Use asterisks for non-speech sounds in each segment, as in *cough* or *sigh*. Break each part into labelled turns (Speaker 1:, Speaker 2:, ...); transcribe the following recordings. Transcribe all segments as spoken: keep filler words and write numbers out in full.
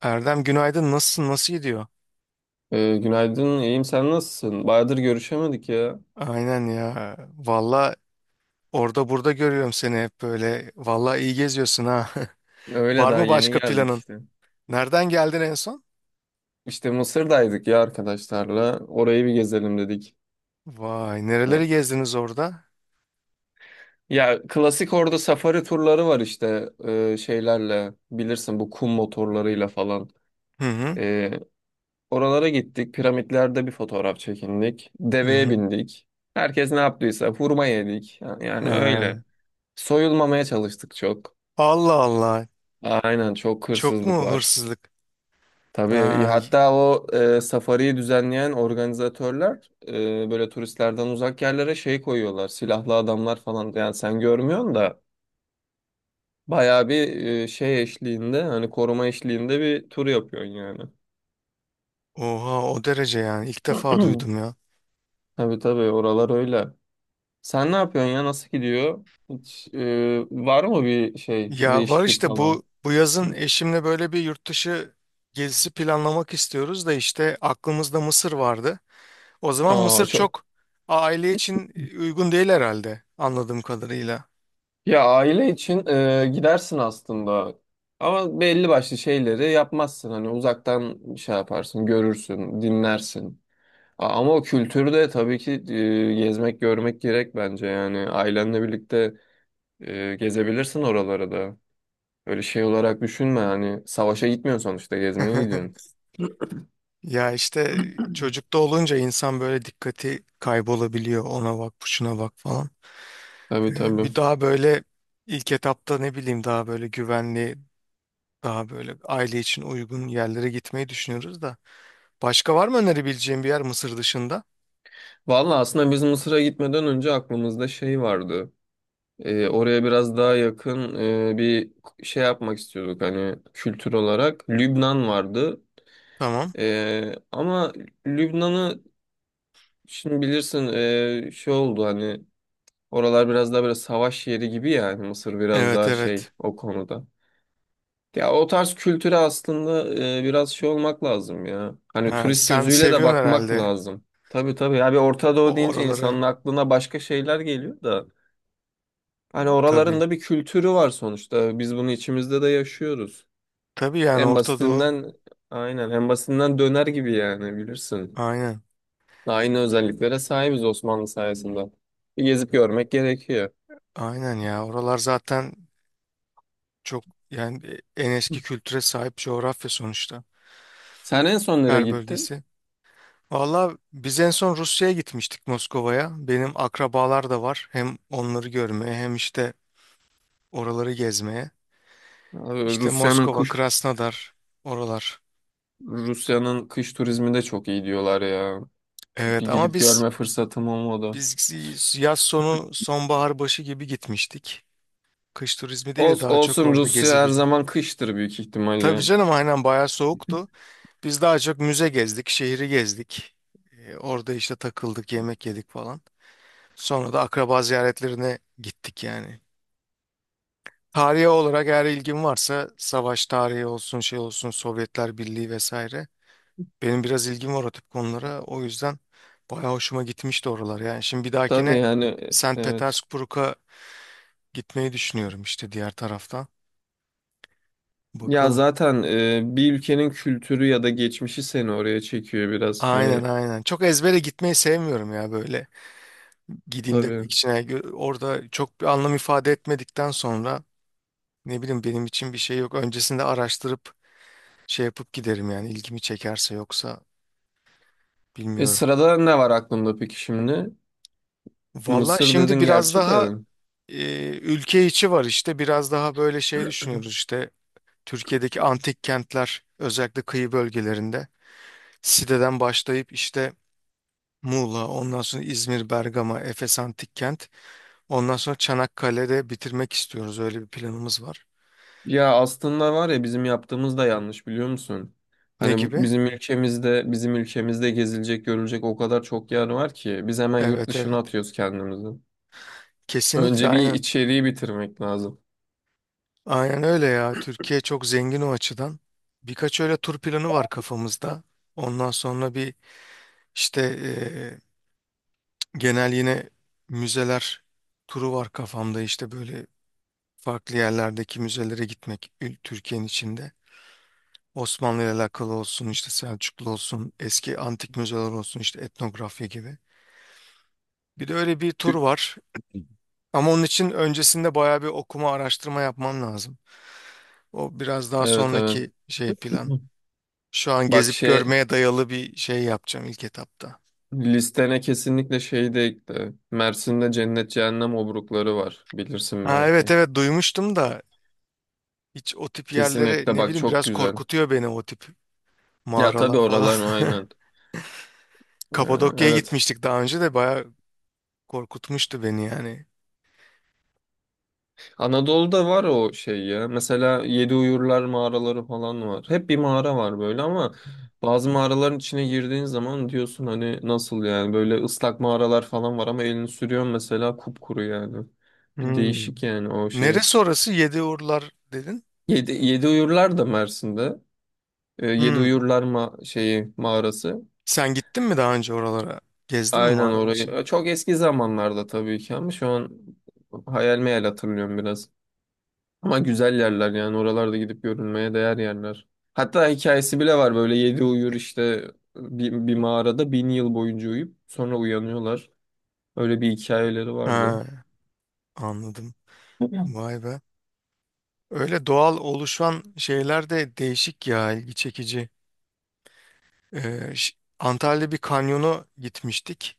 Speaker 1: Erdem, günaydın, nasılsın, nasıl gidiyor?
Speaker 2: Ee, günaydın, iyiyim. Sen nasılsın? Bayağıdır görüşemedik ya.
Speaker 1: Aynen ya. Valla, orada burada görüyorum seni hep böyle. Valla iyi geziyorsun ha. *laughs*
Speaker 2: Öyle
Speaker 1: Var
Speaker 2: daha
Speaker 1: mı
Speaker 2: yeni
Speaker 1: başka
Speaker 2: geldik
Speaker 1: planın?
Speaker 2: işte.
Speaker 1: Nereden geldin en son?
Speaker 2: İşte Mısır'daydık ya arkadaşlarla. Orayı bir gezelim dedik.
Speaker 1: Vay,
Speaker 2: Ne?
Speaker 1: nereleri gezdiniz orada?
Speaker 2: Ya klasik orada safari turları var işte ee, şeylerle bilirsin bu kum motorlarıyla falan.
Speaker 1: Hı hı.
Speaker 2: Ee, Oralara gittik. Piramitlerde bir fotoğraf çekindik.
Speaker 1: Hı
Speaker 2: Deveye
Speaker 1: hı.
Speaker 2: bindik. Herkes ne yaptıysa hurma yedik. Yani
Speaker 1: Ha.
Speaker 2: öyle. Soyulmamaya çalıştık çok.
Speaker 1: Allah Allah.
Speaker 2: Aynen, çok
Speaker 1: Çok
Speaker 2: hırsızlık
Speaker 1: mu
Speaker 2: var.
Speaker 1: hırsızlık?
Speaker 2: Tabii,
Speaker 1: Ha. y-
Speaker 2: hatta o e, safariyi düzenleyen organizatörler e, böyle turistlerden uzak yerlere şey koyuyorlar. Silahlı adamlar falan yani sen görmüyorsun da bayağı bir e, şey eşliğinde, hani koruma eşliğinde bir tur yapıyorsun yani.
Speaker 1: Oha, o derece yani. İlk defa duydum
Speaker 2: *clears throat*
Speaker 1: ya.
Speaker 2: Tabii tabii, oralar öyle. Sen ne yapıyorsun ya, nasıl gidiyor? Hiç, e, var mı bir şey,
Speaker 1: Ya var
Speaker 2: değişiklik
Speaker 1: işte, bu
Speaker 2: falan?
Speaker 1: bu yazın eşimle böyle bir yurt dışı gezisi planlamak istiyoruz da, işte aklımızda Mısır vardı. O zaman Mısır
Speaker 2: Aa, çok.
Speaker 1: çok aile için uygun değil herhalde, anladığım kadarıyla.
Speaker 2: Ya aile için e, gidersin aslında. Ama belli başlı şeyleri yapmazsın. Hani uzaktan şey yaparsın, görürsün, dinlersin. A- Ama o kültürde tabii ki e, gezmek, görmek gerek bence. Yani ailenle birlikte e, gezebilirsin oralara da. Öyle şey olarak düşünme. Hani savaşa gitmiyorsun sonuçta, gezmeye gidiyorsun.
Speaker 1: *laughs* Ya işte, çocukta olunca insan böyle dikkati kaybolabiliyor. Ona bak, şuna bak falan. Ee,
Speaker 2: Tabii
Speaker 1: Bir
Speaker 2: tabii.
Speaker 1: daha böyle ilk etapta ne bileyim, daha böyle güvenli, daha böyle aile için uygun yerlere gitmeyi düşünüyoruz da. Başka var mı önerebileceğim bir yer Mısır dışında?
Speaker 2: Vallahi aslında biz Mısır'a gitmeden önce aklımızda şey vardı. E, oraya biraz daha yakın e, bir şey yapmak istiyorduk, hani kültür olarak. Lübnan vardı.
Speaker 1: Tamam.
Speaker 2: E, ama Lübnan'ı şimdi bilirsin, e, şey oldu, hani oralar biraz daha böyle savaş yeri gibi, yani Mısır biraz
Speaker 1: Evet
Speaker 2: daha şey
Speaker 1: evet.
Speaker 2: o konuda. Ya o tarz kültüre aslında e, biraz şey olmak lazım ya. Hani
Speaker 1: Ha,
Speaker 2: turist
Speaker 1: sen
Speaker 2: gözüyle de
Speaker 1: seviyorsun
Speaker 2: bakmak
Speaker 1: herhalde
Speaker 2: lazım. Tabii tabii ya, bir Orta Doğu
Speaker 1: o
Speaker 2: deyince
Speaker 1: oraları.
Speaker 2: insanın aklına başka şeyler geliyor da. Hani oraların
Speaker 1: Tabii.
Speaker 2: da bir kültürü var sonuçta. Biz bunu içimizde de yaşıyoruz.
Speaker 1: Tabii yani,
Speaker 2: En
Speaker 1: Orta Doğu.
Speaker 2: basitinden, aynen en basitinden döner gibi yani, bilirsin.
Speaker 1: Aynen.
Speaker 2: Aynı özelliklere sahibiz Osmanlı sayesinde. Bir gezip görmek gerekiyor.
Speaker 1: Aynen ya. Oralar zaten çok, yani en eski kültüre sahip coğrafya sonuçta.
Speaker 2: Sen en son nereye
Speaker 1: Her
Speaker 2: gittin?
Speaker 1: bölgesi. Valla biz en son Rusya'ya gitmiştik, Moskova'ya. Benim akrabalar da var. Hem onları görmeye hem işte oraları gezmeye.
Speaker 2: Abi
Speaker 1: İşte
Speaker 2: Rusya'nın
Speaker 1: Moskova,
Speaker 2: kuş
Speaker 1: Krasnodar, oralar.
Speaker 2: Rusya'nın kış turizmi de çok iyi diyorlar ya. Bir
Speaker 1: Evet ama
Speaker 2: gidip
Speaker 1: biz
Speaker 2: görme fırsatım olmadı.
Speaker 1: biz yaz sonu sonbahar başı gibi gitmiştik. Kış turizmi değil de
Speaker 2: Ols-
Speaker 1: daha çok
Speaker 2: olsun
Speaker 1: orada gezi
Speaker 2: Rusya her
Speaker 1: gibi.
Speaker 2: zaman kıştır büyük
Speaker 1: Tabii
Speaker 2: ihtimalle.
Speaker 1: canım, aynen, bayağı soğuktu. Biz daha çok müze gezdik, şehri gezdik. Ee, orada işte takıldık, yemek yedik falan. Sonra da akraba ziyaretlerine gittik yani. Tarihe olarak eğer ilgim varsa, savaş tarihi olsun, şey olsun, Sovyetler Birliği vesaire. Benim biraz ilgim var o tip konulara. O yüzden bayağı hoşuma gitmişti oralar. Yani şimdi bir
Speaker 2: Tabii
Speaker 1: dahakine
Speaker 2: yani, e-
Speaker 1: sankt
Speaker 2: evet.
Speaker 1: Petersburg'a gitmeyi düşünüyorum işte, diğer taraftan.
Speaker 2: Ya
Speaker 1: Bakalım.
Speaker 2: zaten e, bir ülkenin kültürü ya da geçmişi seni oraya çekiyor biraz.
Speaker 1: Aynen
Speaker 2: Hani,
Speaker 1: aynen. Çok ezbere gitmeyi sevmiyorum ya böyle, gideyim demek
Speaker 2: tabii.
Speaker 1: için. Yani orada çok bir anlam ifade etmedikten sonra, ne bileyim, benim için bir şey yok. Öncesinde araştırıp şey yapıp giderim yani, ilgimi çekerse; yoksa
Speaker 2: E,
Speaker 1: bilmiyorum.
Speaker 2: sırada ne var aklımda peki şimdi?
Speaker 1: Valla
Speaker 2: Mısır
Speaker 1: şimdi
Speaker 2: dedin
Speaker 1: biraz
Speaker 2: gerçi
Speaker 1: daha
Speaker 2: de.
Speaker 1: e, ülke içi var işte, biraz daha böyle şey düşünüyoruz işte, Türkiye'deki antik kentler özellikle, kıyı bölgelerinde Side'den başlayıp işte Muğla, ondan sonra İzmir, Bergama, Efes Antik Kent. Ondan sonra Çanakkale'de bitirmek istiyoruz. Öyle bir planımız var.
Speaker 2: Ya aslında var ya, bizim yaptığımız da yanlış, biliyor musun?
Speaker 1: Ne
Speaker 2: Hani
Speaker 1: gibi?
Speaker 2: bizim ülkemizde bizim ülkemizde gezilecek görülecek o kadar çok yer var ki biz hemen yurt
Speaker 1: Evet
Speaker 2: dışına
Speaker 1: evet.
Speaker 2: atıyoruz kendimizi.
Speaker 1: Kesinlikle,
Speaker 2: Önce bir
Speaker 1: aynen.
Speaker 2: içeriği bitirmek lazım.
Speaker 1: Aynen öyle ya. Türkiye çok zengin o açıdan. Birkaç öyle tur planı var kafamızda. Ondan sonra bir işte, e, genel yine müzeler turu var kafamda, işte böyle farklı yerlerdeki müzelere gitmek, ül- Türkiye'nin içinde. Osmanlı ile alakalı olsun, işte Selçuklu olsun, eski antik müzeler olsun, işte etnografya gibi. Bir de öyle bir tur var. Ama onun için öncesinde bayağı bir okuma, araştırma yapman lazım. O biraz daha
Speaker 2: Evet evet.
Speaker 1: sonraki şey, plan. Şu
Speaker 2: *clears throat*
Speaker 1: an
Speaker 2: Bak
Speaker 1: gezip
Speaker 2: şey,
Speaker 1: görmeye dayalı bir şey yapacağım ilk etapta.
Speaker 2: listene kesinlikle şey de ekle. Mersin'de Cennet Cehennem Obrukları var. Bilirsin
Speaker 1: Ha evet
Speaker 2: belki.
Speaker 1: evet, duymuştum da hiç o tip yerlere,
Speaker 2: Kesinlikle
Speaker 1: ne
Speaker 2: bak,
Speaker 1: bileyim,
Speaker 2: çok
Speaker 1: biraz
Speaker 2: güzel.
Speaker 1: korkutuyor beni o tip
Speaker 2: Ya tabii
Speaker 1: mağaralar falan.
Speaker 2: oralar, aynen.
Speaker 1: *laughs*
Speaker 2: Ee,
Speaker 1: Kapadokya'ya
Speaker 2: evet.
Speaker 1: gitmiştik daha önce de bayağı korkutmuştu beni yani.
Speaker 2: Anadolu'da var o şey ya. Mesela Yedi Uyurlar mağaraları falan var. Hep bir mağara var böyle ama bazı mağaraların içine girdiğin zaman diyorsun hani, nasıl yani, böyle ıslak mağaralar falan var ama elini sürüyorsun mesela kupkuru yani. Bir
Speaker 1: Hmm.
Speaker 2: değişik yani o şey.
Speaker 1: Neresi orası? Yediurlar dedin.
Speaker 2: Yedi, Yedi Uyurlar da Mersin'de. E, Yedi
Speaker 1: Hmm.
Speaker 2: Uyurlar ma şeyi mağarası.
Speaker 1: Sen gittin mi daha önce oralara? Gezdin mi
Speaker 2: Aynen
Speaker 1: mağaranın
Speaker 2: orayı.
Speaker 1: için?
Speaker 2: E, Çok eski zamanlarda tabii ki, ama şu an hayal meyal hatırlıyorum biraz. Ama güzel yerler yani, oralarda gidip görünmeye değer yerler. Hatta hikayesi bile var, böyle yedi uyur işte bir, bir mağarada bin yıl boyunca uyuyup sonra uyanıyorlar. Öyle bir hikayeleri vardı.
Speaker 1: Ha, anladım. Vay be. Öyle doğal oluşan şeyler de değişik ya, ilgi çekici. Ee, ş- Antalya'da bir kanyona gitmiştik.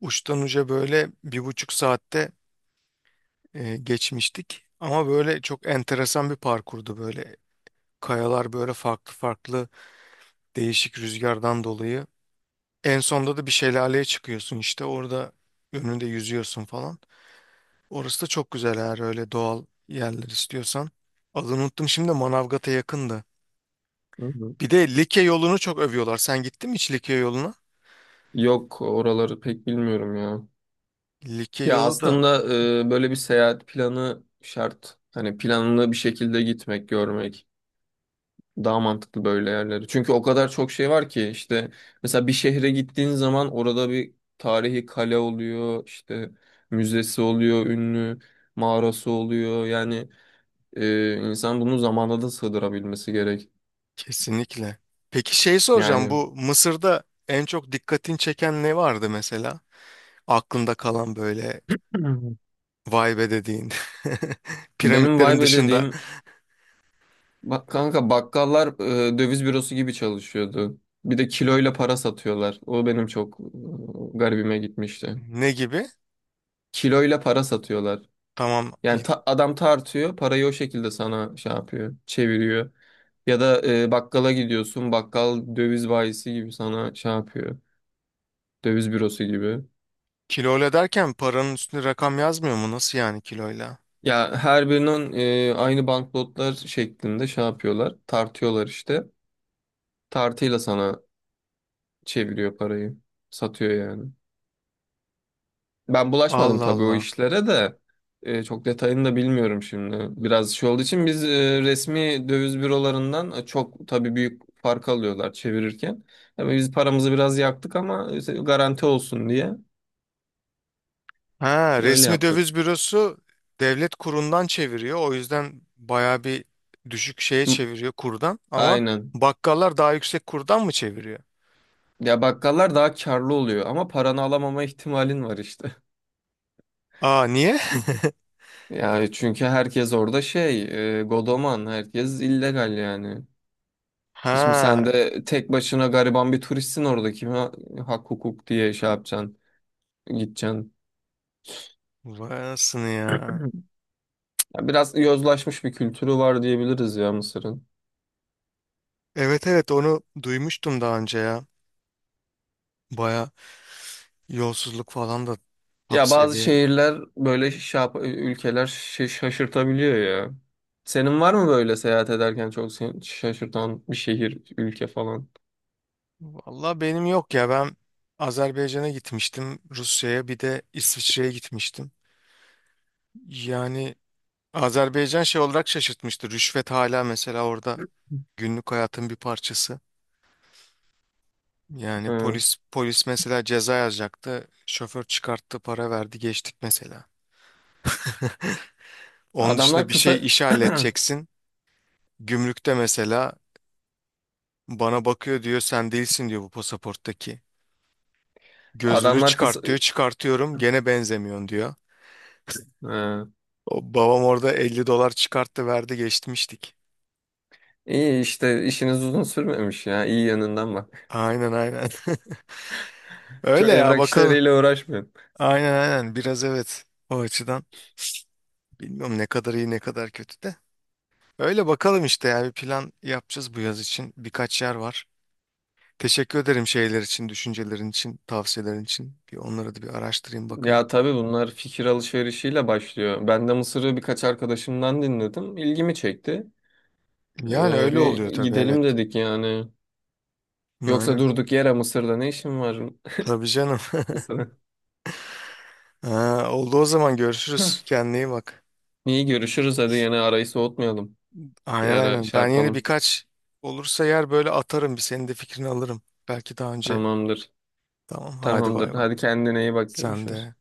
Speaker 1: Uçtan uca böyle bir buçuk saatte e, geçmiştik. Ama böyle çok enteresan bir parkurdu böyle. Kayalar böyle farklı farklı, değişik, rüzgardan dolayı. En sonda da bir şelaleye çıkıyorsun, işte orada önünde yüzüyorsun falan. Orası da çok güzel, eğer öyle doğal yerler istiyorsan. Adını unuttum şimdi de, Manavgat'a yakındı.
Speaker 2: Hı hı.
Speaker 1: Bir de Likya yolunu çok övüyorlar. Sen gittin mi hiç Likya yoluna?
Speaker 2: Yok, oraları pek bilmiyorum ya.
Speaker 1: Likya
Speaker 2: Ya
Speaker 1: yolu da
Speaker 2: aslında e, böyle bir seyahat planı şart. Hani planlı bir şekilde gitmek, görmek. Daha mantıklı böyle yerleri. Çünkü o kadar çok şey var ki işte, mesela bir şehre gittiğin zaman orada bir tarihi kale oluyor, işte müzesi oluyor, ünlü mağarası oluyor. Yani e, insan bunu zamanda da sığdırabilmesi gerek.
Speaker 1: kesinlikle. Peki şey soracağım,
Speaker 2: Yani.
Speaker 1: bu Mısır'da en çok dikkatini çeken ne vardı mesela? Aklında kalan böyle
Speaker 2: Hı.
Speaker 1: vay be dediğin, *laughs*
Speaker 2: Benim
Speaker 1: piramitlerin
Speaker 2: vibe
Speaker 1: dışında
Speaker 2: dediğim, bak kanka, bakkallar e, döviz bürosu gibi çalışıyordu. Bir de kiloyla para satıyorlar. O benim çok e, garibime gitmişti.
Speaker 1: ne gibi?
Speaker 2: Kiloyla para satıyorlar.
Speaker 1: Tamam
Speaker 2: Yani
Speaker 1: y-
Speaker 2: ta- adam tartıyor, parayı o şekilde sana şey yapıyor, çeviriyor. Ya da e, bakkala gidiyorsun, bakkal döviz bayisi gibi sana şey yapıyor, döviz bürosu gibi.
Speaker 1: kiloyla derken paranın üstüne rakam yazmıyor mu? Nasıl yani kiloyla?
Speaker 2: Ya her birinin e, aynı banknotlar şeklinde şey yapıyorlar, tartıyorlar işte. Tartıyla sana çeviriyor parayı, satıyor yani. Ben bulaşmadım
Speaker 1: Allah
Speaker 2: tabii o
Speaker 1: Allah.
Speaker 2: işlere de. E, çok detayını da bilmiyorum şimdi. Biraz şey olduğu için biz e, resmi döviz bürolarından e, çok tabii büyük fark alıyorlar çevirirken. Yani biz paramızı biraz yaktık ama işte garanti olsun diye
Speaker 1: Ha,
Speaker 2: öyle
Speaker 1: resmi
Speaker 2: yaptık.
Speaker 1: döviz bürosu devlet kurundan çeviriyor. O yüzden baya bir düşük şeye
Speaker 2: Hı,
Speaker 1: çeviriyor kurdan. Ama
Speaker 2: aynen.
Speaker 1: bakkallar daha yüksek kurdan mı çeviriyor?
Speaker 2: Ya bakkallar daha karlı oluyor ama paranı alamama ihtimalin var işte. *laughs*
Speaker 1: Aa niye? *laughs*
Speaker 2: Yani çünkü herkes orada şey, e, godoman, herkes illegal yani. Şimdi sen
Speaker 1: Ha,
Speaker 2: de tek başına gariban bir turistsin orada. Kime hak hukuk diye şey yapacaksın, gideceksin.
Speaker 1: vay anasını ya.
Speaker 2: Ya biraz yozlaşmış bir kültürü var diyebiliriz ya Mısır'ın.
Speaker 1: Evet evet, onu duymuştum daha önce ya. Baya yolsuzluk falan da top
Speaker 2: Ya bazı
Speaker 1: seviye.
Speaker 2: şehirler böyle şey yap- ülkeler şa- şaşırtabiliyor ya. Senin var mı böyle seyahat ederken çok seni şaşırtan bir şehir, ülke falan?
Speaker 1: Valla benim yok ya. Ben Azerbaycan'a gitmiştim, Rusya'ya, bir de İsviçre'ye gitmiştim. Yani Azerbaycan şey olarak şaşırtmıştı. Rüşvet hala mesela orada günlük hayatın bir parçası. Yani
Speaker 2: Hı.
Speaker 1: polis polis mesela ceza yazacaktı. Şoför çıkarttı, para verdi, geçtik mesela. Onun
Speaker 2: Adamlar
Speaker 1: dışında bir şey,
Speaker 2: kısa
Speaker 1: işi halledeceksin. Gümrükte mesela bana bakıyor, diyor sen değilsin diyor bu pasaporttaki.
Speaker 2: *clears throat*
Speaker 1: Gözünü
Speaker 2: adamlar kısa
Speaker 1: çıkart diyor, çıkartıyorum, gene benzemiyorsun diyor.
Speaker 2: Hı.
Speaker 1: O babam orada elli dolar çıkarttı, verdi, geçmiştik.
Speaker 2: İyi işte, işiniz uzun sürmemiş ya. İyi yanından bak.
Speaker 1: Aynen aynen. *laughs*
Speaker 2: *laughs*
Speaker 1: Öyle
Speaker 2: Çok
Speaker 1: ya,
Speaker 2: evrak
Speaker 1: bakalım.
Speaker 2: işleriyle uğraşmıyor.
Speaker 1: Aynen aynen, biraz evet, o açıdan. Bilmiyorum, ne kadar iyi ne kadar kötü de. Öyle bakalım işte, yani bir plan yapacağız bu yaz için. Birkaç yer var. Teşekkür ederim şeyler için, düşüncelerin için, tavsiyelerin için. Bir onları da bir araştırayım bakayım.
Speaker 2: Ya tabii bunlar fikir alışverişiyle başlıyor. Ben de Mısır'ı birkaç arkadaşımdan dinledim. İlgimi çekti.
Speaker 1: Yani
Speaker 2: Ee,
Speaker 1: öyle
Speaker 2: bir
Speaker 1: oluyor tabii, evet.
Speaker 2: gidelim dedik yani. Yoksa
Speaker 1: Aynen.
Speaker 2: durduk yere Mısır'da ne işim var, *laughs*
Speaker 1: Tabii canım. *laughs*
Speaker 2: Mısır'a?
Speaker 1: Ha, oldu, o zaman görüşürüz. Kendine iyi bak.
Speaker 2: İyi, görüşürüz. Hadi yine arayı soğutmayalım. Bir
Speaker 1: Aynen
Speaker 2: ara
Speaker 1: aynen.
Speaker 2: şey
Speaker 1: Ben yine
Speaker 2: yapalım.
Speaker 1: birkaç olursa yer böyle atarım. Bir senin de fikrini alırım. Belki daha önce.
Speaker 2: Tamamdır.
Speaker 1: Tamam, hadi
Speaker 2: Tamamdır.
Speaker 1: bay bay.
Speaker 2: Hadi kendine iyi bak,
Speaker 1: Sen
Speaker 2: görüşürüz.
Speaker 1: de.